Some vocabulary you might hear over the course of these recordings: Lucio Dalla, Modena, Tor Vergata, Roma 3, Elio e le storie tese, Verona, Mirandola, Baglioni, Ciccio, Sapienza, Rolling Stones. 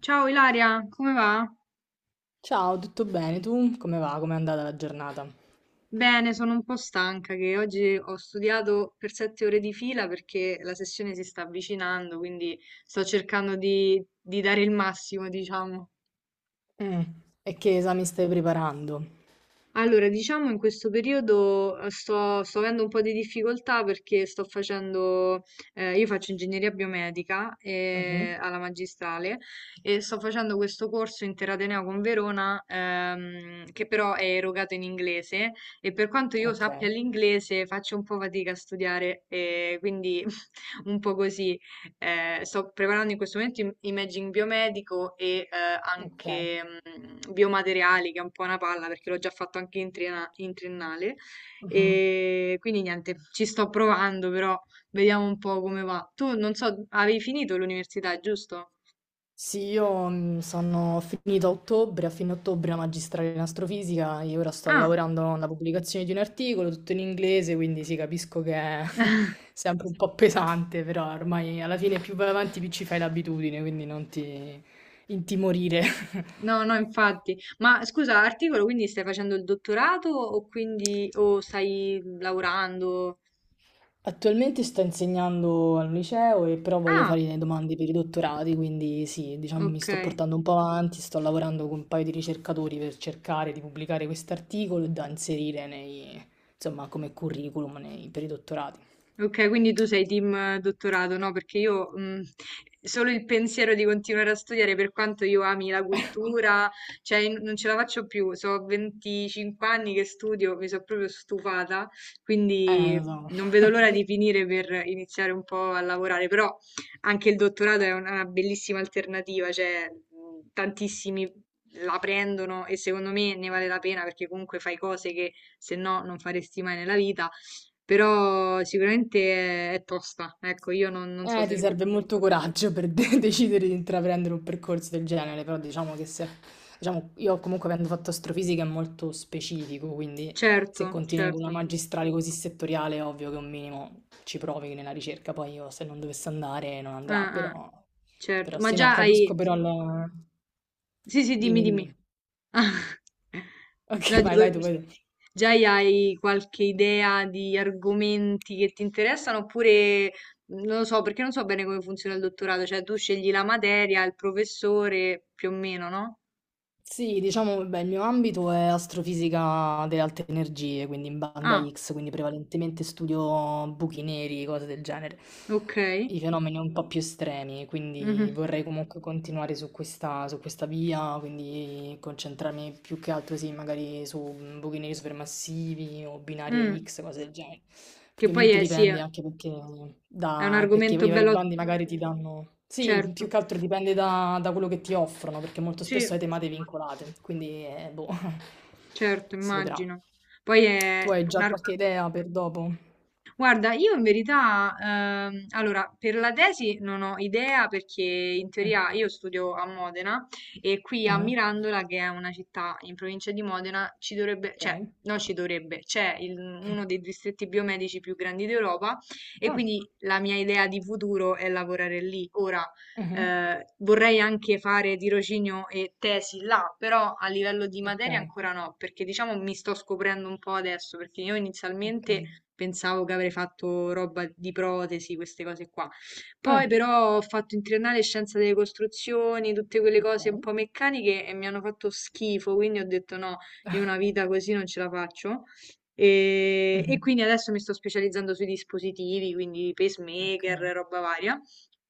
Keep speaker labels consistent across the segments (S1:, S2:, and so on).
S1: Ciao Ilaria, come va?
S2: Ciao, tutto bene? Tu come va? Com'è andata la giornata?
S1: Bene, sono un po' stanca che oggi ho studiato per 7 ore di fila perché la sessione si sta avvicinando, quindi sto cercando di dare il massimo, diciamo.
S2: Mm. E che esami stai preparando?
S1: Allora, diciamo in questo periodo sto avendo un po' di difficoltà perché io faccio ingegneria biomedica
S2: Mhm.
S1: alla magistrale e sto facendo questo corso interateneo con Verona che però è erogato in inglese e per quanto io
S2: Ok,
S1: sappia l'inglese faccio un po' fatica a studiare, quindi un po' così. Sto preparando in questo momento imaging biomedico e
S2: ok.
S1: anche biomateriali, che è un po' una palla perché l'ho già fatto anche in triennale.
S2: Mhm.
S1: E quindi niente, ci sto provando, però vediamo un po' come va. Tu non so, avevi finito l'università, giusto?
S2: Sì, io sono finita a ottobre, a fine ottobre la magistrale in astrofisica e ora sto
S1: Ah,
S2: lavorando alla pubblicazione di un articolo, tutto in inglese, quindi sì, capisco che è sempre un po' pesante, però ormai alla fine più vai avanti più ci fai l'abitudine, quindi non ti intimorire.
S1: no, no, infatti. Ma scusa, articolo, quindi stai facendo il dottorato o stai lavorando?
S2: Attualmente sto insegnando al liceo e però voglio
S1: Ah,
S2: fare le domande per i dottorati, quindi sì, diciamo mi
S1: ok.
S2: sto portando un po' avanti, sto lavorando con un paio di ricercatori per cercare di pubblicare quest'articolo e da inserire nei, insomma, come curriculum nei- per i dottorati.
S1: Ok, quindi tu sei team dottorato, no? Perché io solo il pensiero di continuare a studiare, per quanto io ami la cultura, cioè non ce la faccio più. So 25 anni che studio, mi sono proprio stufata, quindi
S2: Lo so.
S1: non vedo l'ora di finire per iniziare un po' a lavorare. Però anche il dottorato è una bellissima alternativa, cioè tantissimi la prendono e secondo me ne vale la pena perché comunque fai cose che se no non faresti mai nella vita, però sicuramente è tosta. Ecco, io non so se...
S2: Ti serve molto coraggio per de- decidere di intraprendere un percorso del genere, però diciamo che se, diciamo, io comunque avendo fatto astrofisica è molto specifico, quindi se
S1: Certo,
S2: continui con
S1: certo.
S2: una magistrale così settoriale è ovvio che un minimo ci provi nella ricerca, poi io se non dovesse andare non andrà,
S1: Ah, ah,
S2: però,
S1: certo.
S2: però
S1: Ma
S2: sì, no,
S1: già
S2: capisco
S1: hai...
S2: però la...
S1: Sì, sì, dimmi,
S2: Dimmi,
S1: dimmi.
S2: dimmi.
S1: No,
S2: Ok, vai,
S1: dico,
S2: vai tu, vai tu.
S1: già hai qualche idea di argomenti che ti interessano, oppure non lo so, perché non so bene come funziona il dottorato, cioè tu scegli la materia, il professore, più o meno, no?
S2: Sì, diciamo, beh, il mio ambito è astrofisica delle alte energie, quindi in banda
S1: Ah,
S2: X, quindi prevalentemente studio buchi neri, cose del genere,
S1: ok.
S2: i fenomeni un po' più estremi, quindi
S1: Mhm.
S2: vorrei comunque continuare su questa via, quindi concentrarmi più che altro, sì, magari su buchi neri supermassivi o binarie
S1: Mm.
S2: X, cose del genere.
S1: Che poi
S2: Ovviamente
S1: è, sì, è
S2: dipende anche perché
S1: è un
S2: da perché i
S1: argomento
S2: vari
S1: bello,
S2: bandi magari ti danno sì, più
S1: certo.
S2: che altro dipende da, da quello che ti offrono, perché molto
S1: Sì.
S2: spesso hai temate vincolate, quindi boh,
S1: Certo,
S2: si vedrà.
S1: immagino. Poi è
S2: Tu hai
S1: un
S2: già
S1: ar-
S2: qualche idea per dopo?
S1: Guarda, io in verità, allora, per la tesi non ho idea, perché in
S2: Mm.
S1: teoria io studio a Modena e qui a
S2: Mhm.
S1: Mirandola, che è una città in provincia di Modena, ci dovrebbe, cioè,
S2: Ok.
S1: no, ci dovrebbe, uno dei distretti biomedici più grandi d'Europa, e
S2: Ah,
S1: quindi la mia idea di futuro è lavorare lì. Ora,
S2: mhm.
S1: Vorrei anche fare tirocinio e tesi là, però a livello di
S2: Ok,
S1: materia ancora no, perché diciamo mi sto scoprendo un po' adesso, perché io
S2: ok.
S1: inizialmente pensavo che avrei fatto roba di protesi, queste cose qua.
S2: Ah,
S1: Poi però ho fatto in triennale scienza delle costruzioni, tutte quelle cose un
S2: ok.
S1: po' meccaniche, e mi hanno fatto schifo, quindi ho detto no, io una vita così non ce la faccio. E
S2: Mhm.
S1: quindi adesso mi sto specializzando sui dispositivi, quindi pacemaker,
S2: Ok.
S1: roba varia.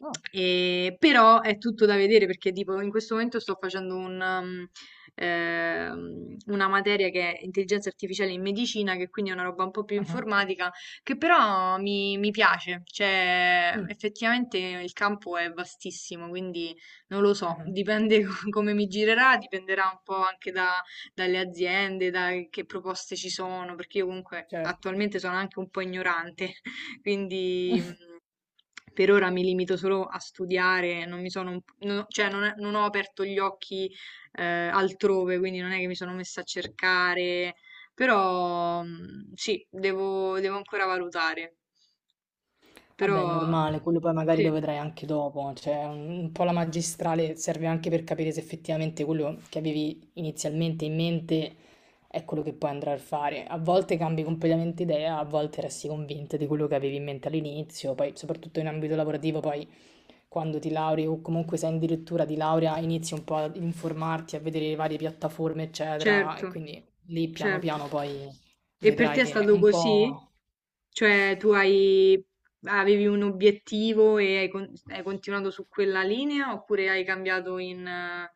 S2: Oh,
S1: Però è tutto da vedere perché tipo in questo momento sto facendo una materia che è intelligenza artificiale in medicina, che quindi è una roba un po' più
S2: mhm,
S1: informatica, che però mi piace, cioè
S2: mm,
S1: effettivamente il campo è vastissimo, quindi non lo so,
S2: mhm.
S1: dipende come mi girerà, dipenderà un po' anche dalle aziende, da che proposte ci sono, perché io comunque
S2: Certo.
S1: attualmente sono anche un po' ignorante. Quindi per ora mi limito solo a studiare, non mi sono, un- non ho- cioè non ho aperto gli occhi altrove, quindi non è che mi sono messa a cercare, però sì, devo ancora valutare.
S2: Vabbè, è
S1: Però
S2: normale, quello poi magari lo
S1: sì,
S2: vedrai anche dopo, cioè un po' la magistrale serve anche per capire se effettivamente quello che avevi inizialmente in mente è quello che poi andrai a fare. A volte cambi completamente idea, a volte resti convinta di quello che avevi in mente all'inizio, poi soprattutto in ambito lavorativo, poi quando ti lauri o comunque sei addirittura di laurea inizi un po' ad informarti, a vedere le varie piattaforme, eccetera, e
S1: certo,
S2: quindi lì piano
S1: certo.
S2: piano poi
S1: E per
S2: vedrai
S1: te è
S2: che
S1: stato
S2: un
S1: così?
S2: po'...
S1: Cioè tu avevi un obiettivo e hai continuato su quella linea, oppure hai cambiato in eh,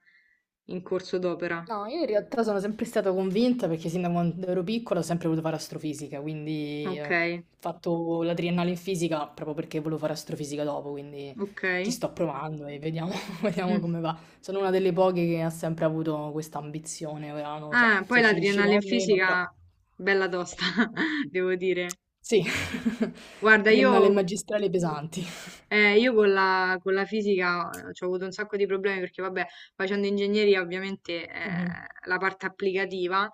S1: in corso d'opera?
S2: No, io in realtà sono sempre stata convinta perché sin da quando ero piccola ho sempre voluto fare astrofisica, quindi ho
S1: Okay,
S2: fatto la triennale in fisica proprio perché volevo fare astrofisica dopo, quindi ci
S1: okay.
S2: sto provando e vediamo, vediamo
S1: Mh.
S2: come va. Sono una delle poche che ha sempre avuto questa ambizione, ora non lo so
S1: Ah, poi
S2: se ci riuscirò
S1: l'adrenalina
S2: o meno,
S1: fisica
S2: però
S1: bella tosta, devo dire.
S2: sì,
S1: Guarda,
S2: triennale e
S1: io
S2: magistrale pesanti.
S1: Eh, io con la fisica ci ho avuto un sacco di problemi perché, vabbè, facendo ingegneria ovviamente,
S2: Mhm,
S1: la parte applicativa,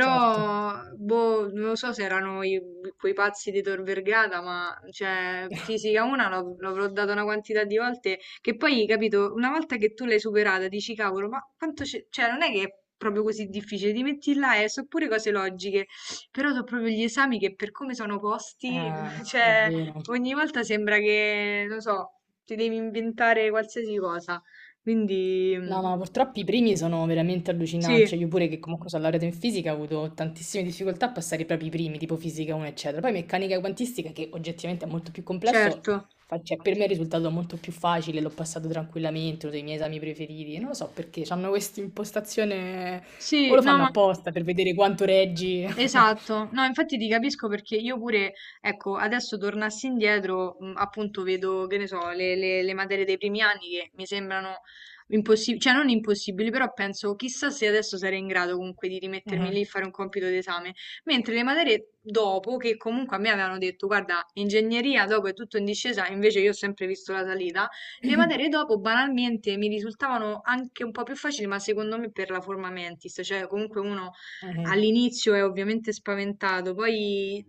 S2: certo.
S1: boh, non lo so se erano quei pazzi di Tor Vergata, ma cioè, fisica 1 l'avrò data una quantità di volte che poi, capito, una volta che tu l'hai superata dici, cavolo, ma quanto c'è, cioè non è che è proprio così difficile, ti metti là e so pure cose logiche, però so proprio gli esami, che per come sono posti,
S2: È
S1: cioè
S2: vero.
S1: ogni volta sembra che, non so, ti devi inventare qualsiasi cosa. Quindi mm,
S2: No, ma purtroppo i primi sono veramente allucinanti.
S1: sì,
S2: Cioè, io pure che comunque sono laureata in fisica ho avuto tantissime difficoltà a passare proprio i primi, tipo fisica 1, eccetera. Poi meccanica quantistica, che oggettivamente è molto più complesso,
S1: certo.
S2: fa- cioè, per me è risultato molto più facile, l'ho passato tranquillamente, uno dei miei esami preferiti. Non lo so perché, hanno questa impostazione, o
S1: Sì,
S2: lo
S1: no,
S2: fanno
S1: ma
S2: apposta per vedere quanto reggi.
S1: esatto, no, infatti ti capisco, perché io pure, ecco, adesso tornassi indietro, appunto vedo, che ne so, le materie dei primi anni che mi sembrano impossibili, cioè non impossibili, però penso chissà se adesso sarei in grado comunque di rimettermi
S2: Mhm.
S1: lì e fare un compito d'esame, mentre le materie dopo, che comunque a me avevano detto, guarda, ingegneria dopo è tutto in discesa, invece io ho sempre visto la salita, le materie dopo banalmente mi risultavano anche un po' più facili, ma secondo me per la forma mentis, cioè comunque uno
S2: Mhm.
S1: all'inizio è ovviamente spaventato, poi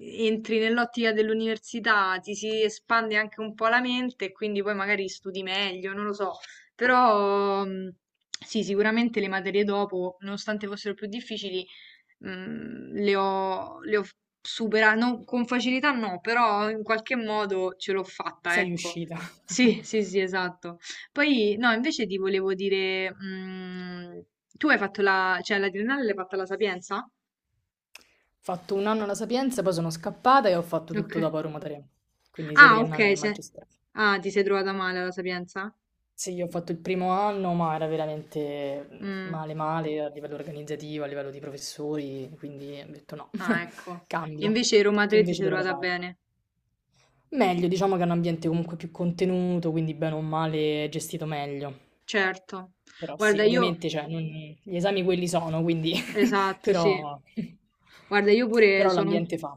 S1: entri nell'ottica dell'università, ti si espande anche un po' la mente e quindi poi magari studi meglio, non lo so. Però sì, sicuramente le materie dopo, nonostante fossero più difficili, le ho f supera non con facilità no, però in qualche modo ce l'ho fatta,
S2: Sei
S1: ecco.
S2: riuscita.
S1: Sì, sì, sì, esatto. Poi no, invece ti volevo dire, tu hai fatto la, cioè, la triennale l'hai fatta alla Sapienza?
S2: Ho fatto un anno alla Sapienza, poi sono scappata e ho fatto tutto
S1: Okay.
S2: dopo a Roma 3, quindi sia
S1: Ah,
S2: triennale che
S1: okay, se
S2: magistrale.
S1: ah, ti sei trovata male alla Sapienza?
S2: Sì, io ho fatto il primo anno, ma era veramente
S1: Mh,
S2: male male a livello organizzativo, a livello di professori, quindi ho detto no,
S1: ah, ecco.
S2: cambio.
S1: Invece Roma
S2: Tu
S1: 3 ti
S2: invece
S1: sei
S2: dove l'hai
S1: trovata
S2: fatto?
S1: bene.
S2: Meglio, diciamo che è un ambiente comunque più contenuto, quindi bene o male è gestito meglio.
S1: Certo.
S2: Però sì,
S1: Guarda, io,
S2: ovviamente cioè, non- gli esami quelli sono, quindi
S1: esatto, sì.
S2: però,
S1: Guarda, io pure
S2: però
S1: sono un,
S2: l'ambiente fa.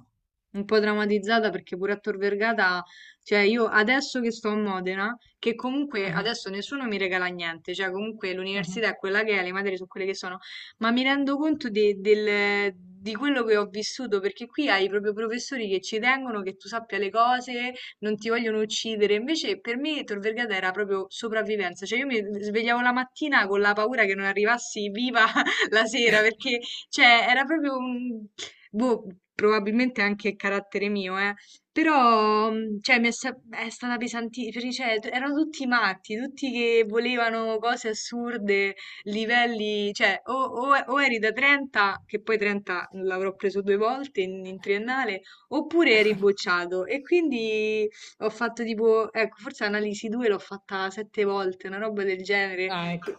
S1: un po' drammatizzata perché pure a Tor Vergata, cioè io adesso che sto a Modena, che comunque
S2: Mhm,
S1: adesso nessuno mi regala niente, cioè comunque
S2: mhm.
S1: l'università è quella che è, le materie sono quelle che sono, ma mi rendo conto di quello che ho vissuto, perché qui hai proprio professori che ci tengono, che tu sappia le cose, non ti vogliono uccidere. Invece per me Tor Vergata era proprio sopravvivenza, cioè io mi svegliavo la mattina con la paura che non arrivassi viva la sera, perché cioè era proprio boh, probabilmente anche carattere mio, eh. Però, cioè, è stata pesantissima, cioè, erano tutti matti, tutti che volevano cose assurde, livelli, cioè, o eri da 30, che poi 30 l'avrò preso due volte in triennale, oppure eri bocciato. E quindi ho fatto tipo, ecco, forse analisi 2 l'ho fatta 7 volte, una roba del genere.
S2: Ah, ecco.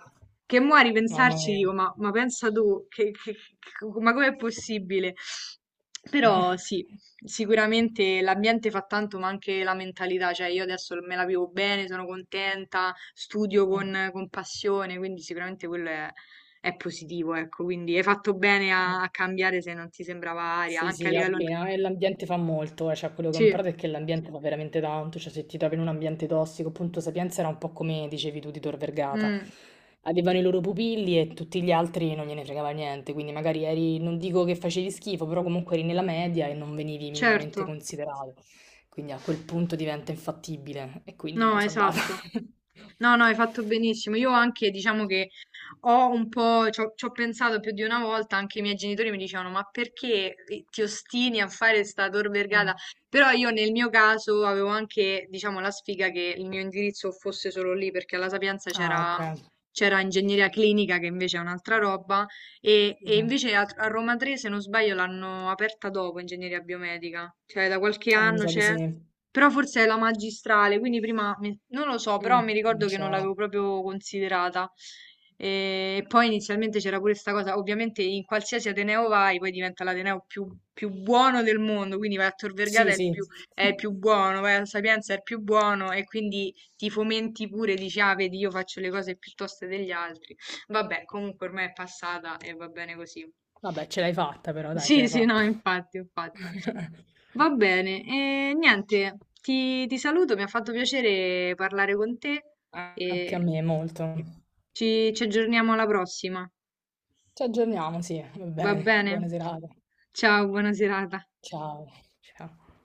S1: Che mo' a
S2: Mamma
S1: ripensarci
S2: mia.
S1: dico, ma pensa tu, ma com'è possibile? Però sì, sicuramente l'ambiente fa tanto, ma anche la mentalità, cioè io adesso me la vivo bene, sono contenta, studio
S2: Mm.
S1: con passione, quindi sicuramente quello è positivo, ecco, quindi hai fatto bene a cambiare se non ti sembrava aria,
S2: Sì,
S1: anche a
S2: sì,
S1: livello...
S2: appena. E l'ambiente fa molto, cioè quello che ho
S1: Sì,
S2: imparato è che l'ambiente fa veramente tanto, cioè se ti trovi in un ambiente tossico, appunto Sapienza era un po' come dicevi tu di Tor Vergata,
S1: mm,
S2: avevano i loro pupilli e tutti gli altri non gliene fregava niente, quindi magari eri, non dico che facevi schifo, però comunque eri nella media e non venivi minimamente
S1: certo.
S2: considerato, quindi a quel punto diventa infattibile e quindi
S1: No,
S2: me ne sono andata.
S1: esatto. No, no, hai fatto benissimo. Io anche, diciamo che ho un po', ci ho pensato più di una volta, anche i miei genitori mi dicevano, ma perché ti ostini a fare sta Tor
S2: Eh.
S1: Vergata? Però io nel mio caso avevo anche, diciamo, la sfiga che il mio indirizzo fosse solo lì, perché alla Sapienza c'era
S2: Ah, ok.
S1: c'era ingegneria clinica, che invece è un'altra roba, e
S2: Mhm.
S1: invece a Roma 3, se non sbaglio, l'hanno aperta dopo, ingegneria biomedica, cioè da qualche
S2: Mi
S1: anno
S2: sa di
S1: c'è,
S2: sì.
S1: però forse è la magistrale, quindi prima non lo so, però
S2: Mm,
S1: mi
S2: non
S1: ricordo che non l'avevo
S2: c'ero.
S1: proprio considerata. E poi inizialmente c'era pure questa cosa, ovviamente in qualsiasi Ateneo vai, poi diventa l'Ateneo più buono del mondo, quindi vai a Tor Vergata
S2: Sì, sì.
S1: è il più buono, vai a Sapienza è il più buono, e quindi ti fomenti pure, dici, ah, vedi, io faccio le cose piuttosto degli altri. Vabbè, comunque ormai è passata e va bene così.
S2: Vabbè, ce l'hai fatta però, dai, ce
S1: Sì,
S2: l'hai
S1: sì, no,
S2: fatta.
S1: infatti, infatti. Va bene, e niente, ti saluto, mi ha fatto piacere parlare con te,
S2: Anche
S1: e
S2: a me molto.
S1: ci aggiorniamo alla prossima.
S2: Ci aggiorniamo, sì, va
S1: Va
S2: bene.
S1: bene?
S2: Buona serata.
S1: Ciao, buona serata.
S2: Ciao. Ciao.